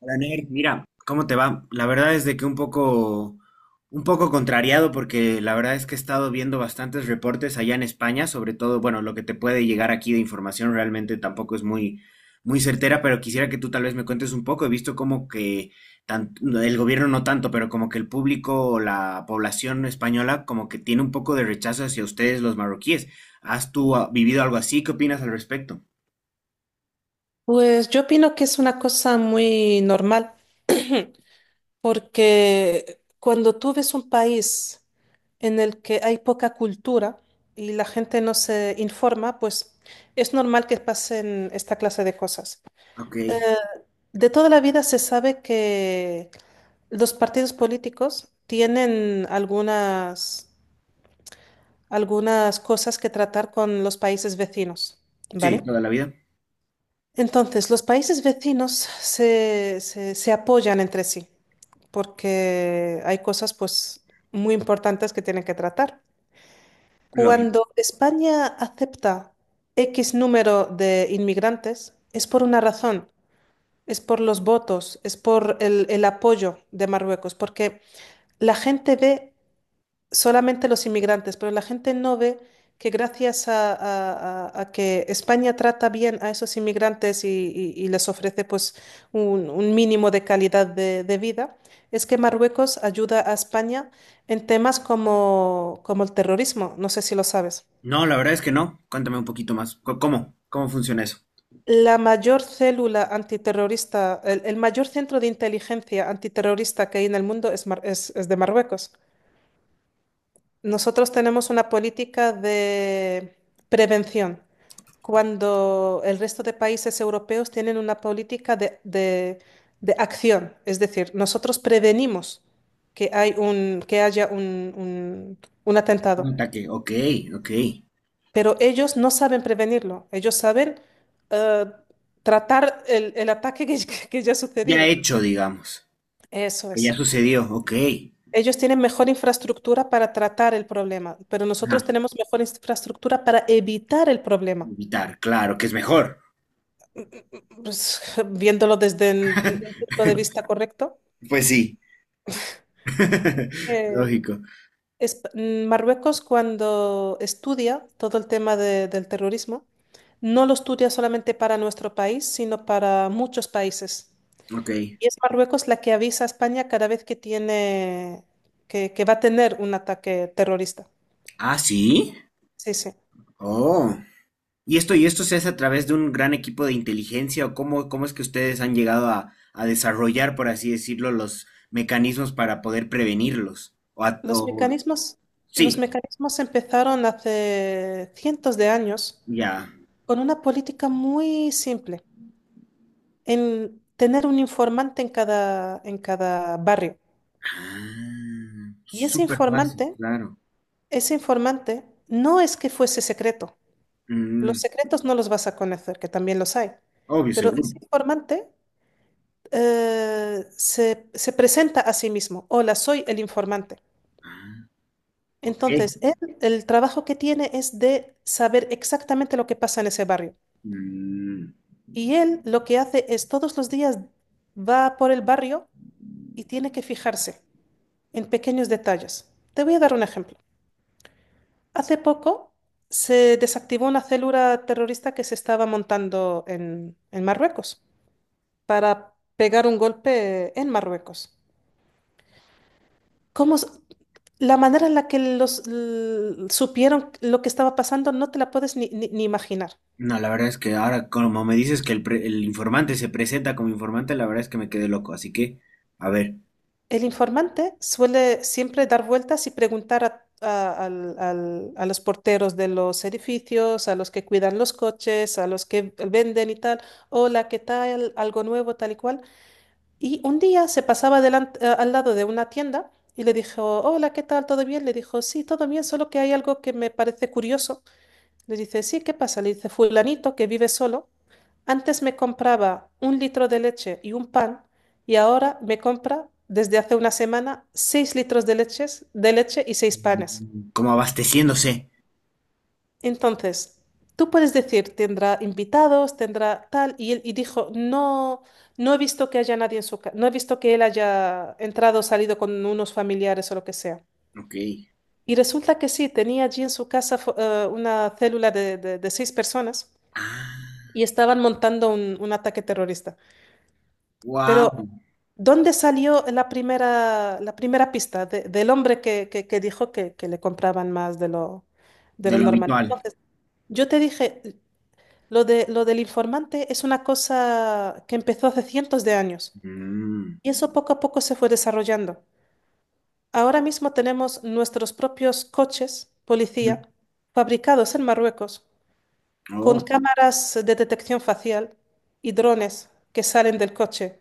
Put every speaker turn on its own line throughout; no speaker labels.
Hola, Ner. Mira, ¿cómo te va? La verdad es de que un poco contrariado porque la verdad es que he estado viendo bastantes reportes allá en España, sobre todo, bueno, lo que te puede llegar aquí de información realmente tampoco es muy, muy certera, pero quisiera que tú tal vez me cuentes un poco. He visto como que el gobierno no tanto, pero como que el público o la población española como que tiene un poco de rechazo hacia ustedes los marroquíes. ¿Has tú vivido algo así? ¿Qué opinas al respecto?
Pues yo opino que es una cosa muy normal, porque cuando tú ves un país en el que hay poca cultura y la gente no se informa, pues es normal que pasen esta clase de cosas.
Ok,
Eh, de toda la vida se sabe que los partidos políticos tienen algunas cosas que tratar con los países vecinos,
sí,
¿vale?
toda la vida.
Entonces, los países vecinos se apoyan entre sí porque hay cosas pues muy importantes que tienen que tratar.
Lógico.
Cuando España acepta X número de inmigrantes, es por una razón, es por los votos, es por el apoyo de Marruecos, porque la gente ve solamente los inmigrantes, pero la gente no ve que gracias a que España trata bien a esos inmigrantes y les ofrece pues un mínimo de calidad de vida, es que Marruecos ayuda a España en temas como, como el terrorismo, no sé si lo sabes.
No, la verdad es que no. Cuéntame un poquito más. ¿Cómo? ¿Cómo funciona eso?
La mayor célula antiterrorista, el mayor centro de inteligencia antiterrorista que hay en el mundo es, es de Marruecos. Nosotros tenemos una política de prevención, cuando el resto de países europeos tienen una política de acción. Es decir, nosotros prevenimos que haya un
Un
atentado,
ataque. Ok, ok.
pero ellos no saben prevenirlo. Ellos saben eh, tratar el ataque que, que ya ha
Ya
sucedido.
hecho, digamos.
Eso
Que ya
es.
sucedió. Ok.
Ellos tienen mejor infraestructura para tratar el problema, pero nosotros
Ajá.
tenemos mejor infraestructura para evitar el problema.
Evitar, claro, que es mejor.
Pues, viéndolo desde un punto de vista correcto,
Pues sí.
eh,
Lógico.
Marruecos, cuando estudia todo el tema del terrorismo, no lo estudia solamente para nuestro país, sino para muchos países.
Ok.
Y es Marruecos la que avisa a España cada vez que que va a tener un ataque terrorista.
Ah, sí.
Sí, sí.
Oh. ¿Y esto se hace a través de un gran equipo de inteligencia o cómo es que ustedes han llegado a desarrollar, por así decirlo, los mecanismos para poder prevenirlos?
Los mecanismos, los
Sí,
mecanismos empezaron hace cientos de años
ya.
con una política muy simple, en tener un informante en cada barrio.
Ah,
Y
súper fácil, claro.
ese informante no es que fuese secreto. Los
Mm,
secretos no los vas a conocer, que también los hay.
obvio,
Pero
seguro.
ese informante, se presenta a sí mismo. Hola, soy el informante.
Ah, ok.
Entonces, él, el trabajo que tiene es de saber exactamente lo que pasa en ese barrio.
Mm,
Y él lo que hace es todos los días va por el barrio y tiene que fijarse en pequeños detalles. Te voy a dar un ejemplo. Hace poco se desactivó una célula terrorista que se estaba montando en Marruecos para pegar un golpe en Marruecos. ¿Cómo s- la manera en la que supieron lo que estaba pasando no te la puedes ni imaginar.
no, la verdad es que ahora, como me dices que el informante se presenta como informante, la verdad es que me quedé loco. Así que, a ver.
El informante suele siempre dar vueltas y preguntar a los porteros de los edificios, a los que cuidan los coches, a los que venden y tal, hola, ¿qué tal? Algo nuevo, tal y cual. Y un día se pasaba al lado de una tienda y le dijo, hola, ¿qué tal? ¿Todo bien? Le dijo, sí, todo bien, solo que hay algo que me parece curioso. Le dice, sí, ¿qué pasa? Le dice, fulanito que vive solo, antes me compraba un litro de leche y un pan, y ahora me compra desde hace una semana seis litros de leche y seis panes.
Como abasteciéndose.
Entonces, tú puedes decir, tendrá invitados, tendrá tal, y él dijo, no, no he visto que haya nadie en su casa, no he visto que él haya entrado o salido con unos familiares o lo que sea.
Ok.
Y resulta que sí, tenía allí en su casa una célula de seis personas, y
Ah,
estaban montando un ataque terrorista.
wow,
Pero, ¿dónde salió la primera pista del hombre que, que dijo que le compraban más de
de
lo
lo
normal?
habitual.
Entonces, yo te dije, lo del informante es una cosa que empezó hace cientos de años,
Mm,
y eso poco a poco se fue desarrollando. Ahora mismo tenemos nuestros propios coches policía fabricados en Marruecos, con
oh,
cámaras de detección facial y drones que salen del coche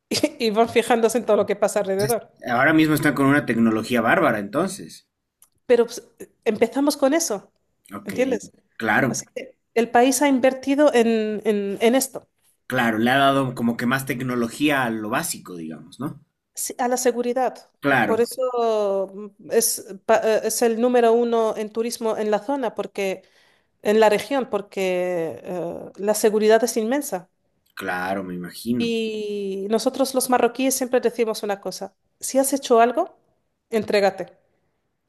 y van fijándose en todo lo que pasa
entonces,
alrededor.
ahora mismo están con una tecnología bárbara, entonces.
Pero pues, empezamos con eso,
Ok,
¿entiendes?
claro.
Así que el país ha invertido en esto,
Claro, le ha dado como que más tecnología a lo básico, digamos, ¿no?
sí, a la seguridad.
Claro,
Por eso es el número uno en turismo en la zona, porque, en la región, porque la seguridad es inmensa.
claro, me imagino.
Y nosotros los marroquíes siempre decimos una cosa, si has hecho algo, entrégate.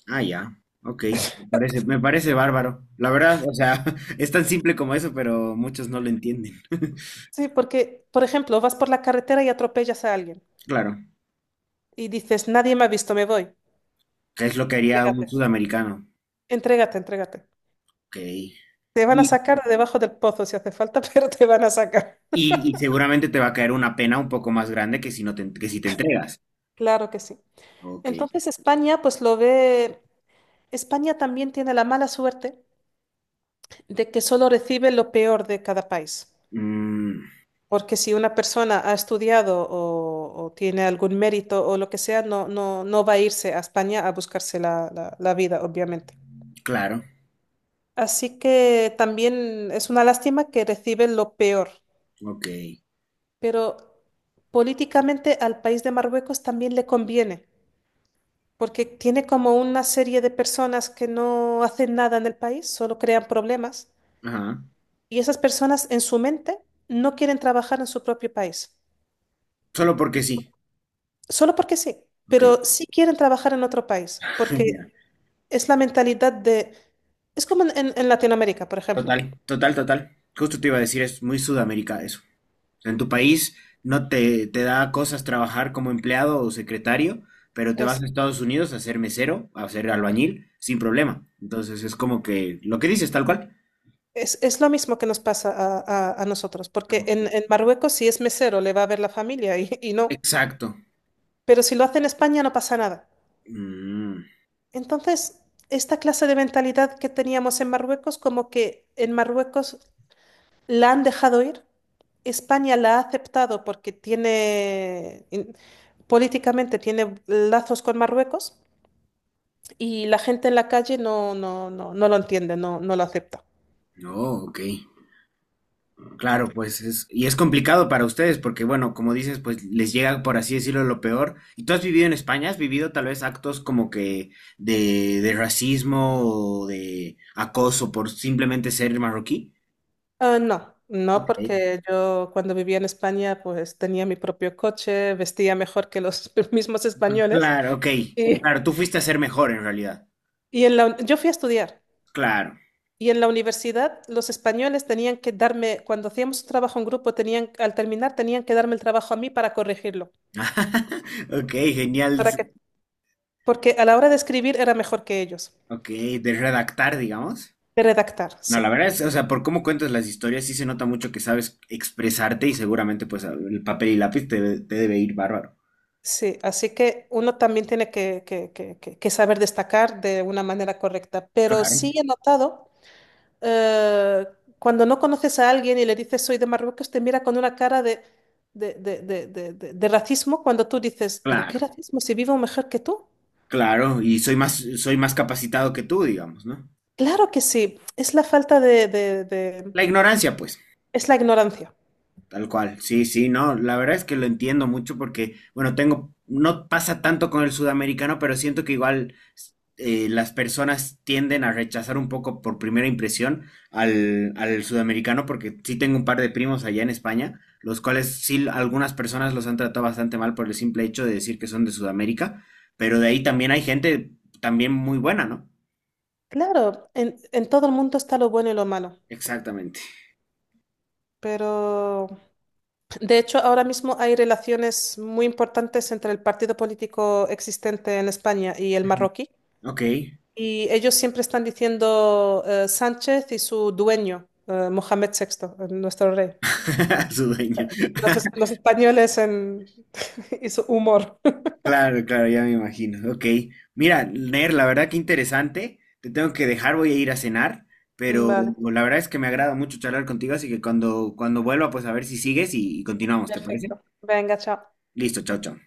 Ah, ya, ok, me parece bárbaro. La verdad, o sea, es tan simple como eso, pero muchos no lo entienden.
Sí, porque, por ejemplo, vas por la carretera y atropellas a alguien,
Claro,
y dices, nadie me ha visto, me voy.
que es lo que haría
Entrégate,
un sudamericano.
entrégate, entrégate.
Ok.
Te van a
Y,
sacar de debajo del pozo si hace falta, pero te van a sacar.
y seguramente te va a caer una pena un poco más grande que si que si te entregas.
Claro que sí.
Ok.
Entonces España, pues lo ve, España también tiene la mala suerte de que solo recibe lo peor de cada país.
Mm,
Porque si una persona ha estudiado o tiene algún mérito o lo que sea, no, no, no va a irse a España a buscarse la vida, obviamente.
claro,
Así que también es una lástima que recibe lo peor,
ok.
pero políticamente al país de Marruecos también le conviene, porque tiene como una serie de personas que no hacen nada en el país, solo crean problemas,
Ajá.
y esas personas en su mente no quieren trabajar en su propio país,
Solo porque sí.
solo porque sí,
Ok.
pero sí quieren trabajar en otro país, porque es la mentalidad de... Es como en Latinoamérica, por ejemplo.
Total, total, total. Justo te iba a decir, es muy Sudamérica eso. En tu país no te, te da cosas trabajar como empleado o secretario, pero te vas
Es,
a Estados Unidos a ser mesero, a ser albañil, sin problema. Entonces es como que lo que dices, tal cual.
es lo mismo que nos pasa a nosotros, porque en Marruecos si es mesero le va a ver la familia y no.
Exacto.
Pero si lo hace en España no pasa nada.
Mm,
Entonces, esta clase de mentalidad que teníamos en Marruecos, como que en Marruecos la han dejado ir, España la ha aceptado porque políticamente tiene lazos con Marruecos, y la gente en la calle no, no, no, no lo entiende, no, no lo acepta.
no, ok. Claro, pues es, y es complicado para ustedes porque, bueno, como dices, pues les llega, por así decirlo, lo peor. ¿Y tú has vivido en España? ¿Has vivido tal vez actos como que de racismo o de acoso por simplemente ser marroquí?
Ah, no, no,
Ok.
porque yo cuando vivía en España pues tenía mi propio coche, vestía mejor que los mismos españoles.
Claro, ok.
Y,
Claro, tú fuiste a ser mejor en realidad.
yo fui a estudiar.
Claro.
Y en la universidad los españoles tenían que darme, cuando hacíamos un trabajo en grupo, tenían, al terminar tenían que darme el trabajo a mí para corregirlo.
Ok, genial.
¿Para qué? Porque a la hora de escribir era mejor que ellos.
Ok, de redactar, digamos.
De redactar,
No,
sí.
la verdad es, o sea, por cómo cuentas las historias, sí se nota mucho que sabes expresarte y seguramente pues el papel y lápiz te debe ir bárbaro.
Sí, así que uno también tiene que, que saber destacar de una manera correcta. Pero
Claro,
sí he notado, eh, cuando no conoces a alguien y le dices soy de Marruecos, te mira con una cara de racismo, cuando tú dices, pero ¿qué
claro,
racismo si vivo mejor que tú?
claro, y soy más capacitado que tú, digamos, ¿no?
Claro que sí, es la falta
La ignorancia, pues,
es la ignorancia.
tal cual, sí, sí, no, la verdad es que lo entiendo mucho porque, bueno, tengo, no pasa tanto con el sudamericano, pero siento que igual las personas tienden a rechazar un poco por primera impresión al sudamericano, porque sí tengo un par de primos allá en España, los cuales sí algunas personas los han tratado bastante mal por el simple hecho de decir que son de Sudamérica, pero de ahí también hay gente también muy buena, ¿no?
Claro, en todo el mundo está lo bueno y lo malo,
Exactamente.
pero de hecho ahora mismo hay relaciones muy importantes entre el partido político existente en España y el
Ujú.
marroquí,
Ok.
y ellos siempre están diciendo Sánchez y su dueño, Mohamed VI, nuestro rey.
Su dueño.
Los españoles en... y su humor.
Claro, claro, ya me imagino. Ok. Mira, Ner, la verdad que interesante. Te tengo que dejar, voy a ir a cenar, pero
Vale,
la verdad es que me agrada mucho charlar contigo, así que cuando vuelva, pues a ver si sigues y continuamos, ¿te parece?
perfecto. Venga, chao.
Listo, chao, chao.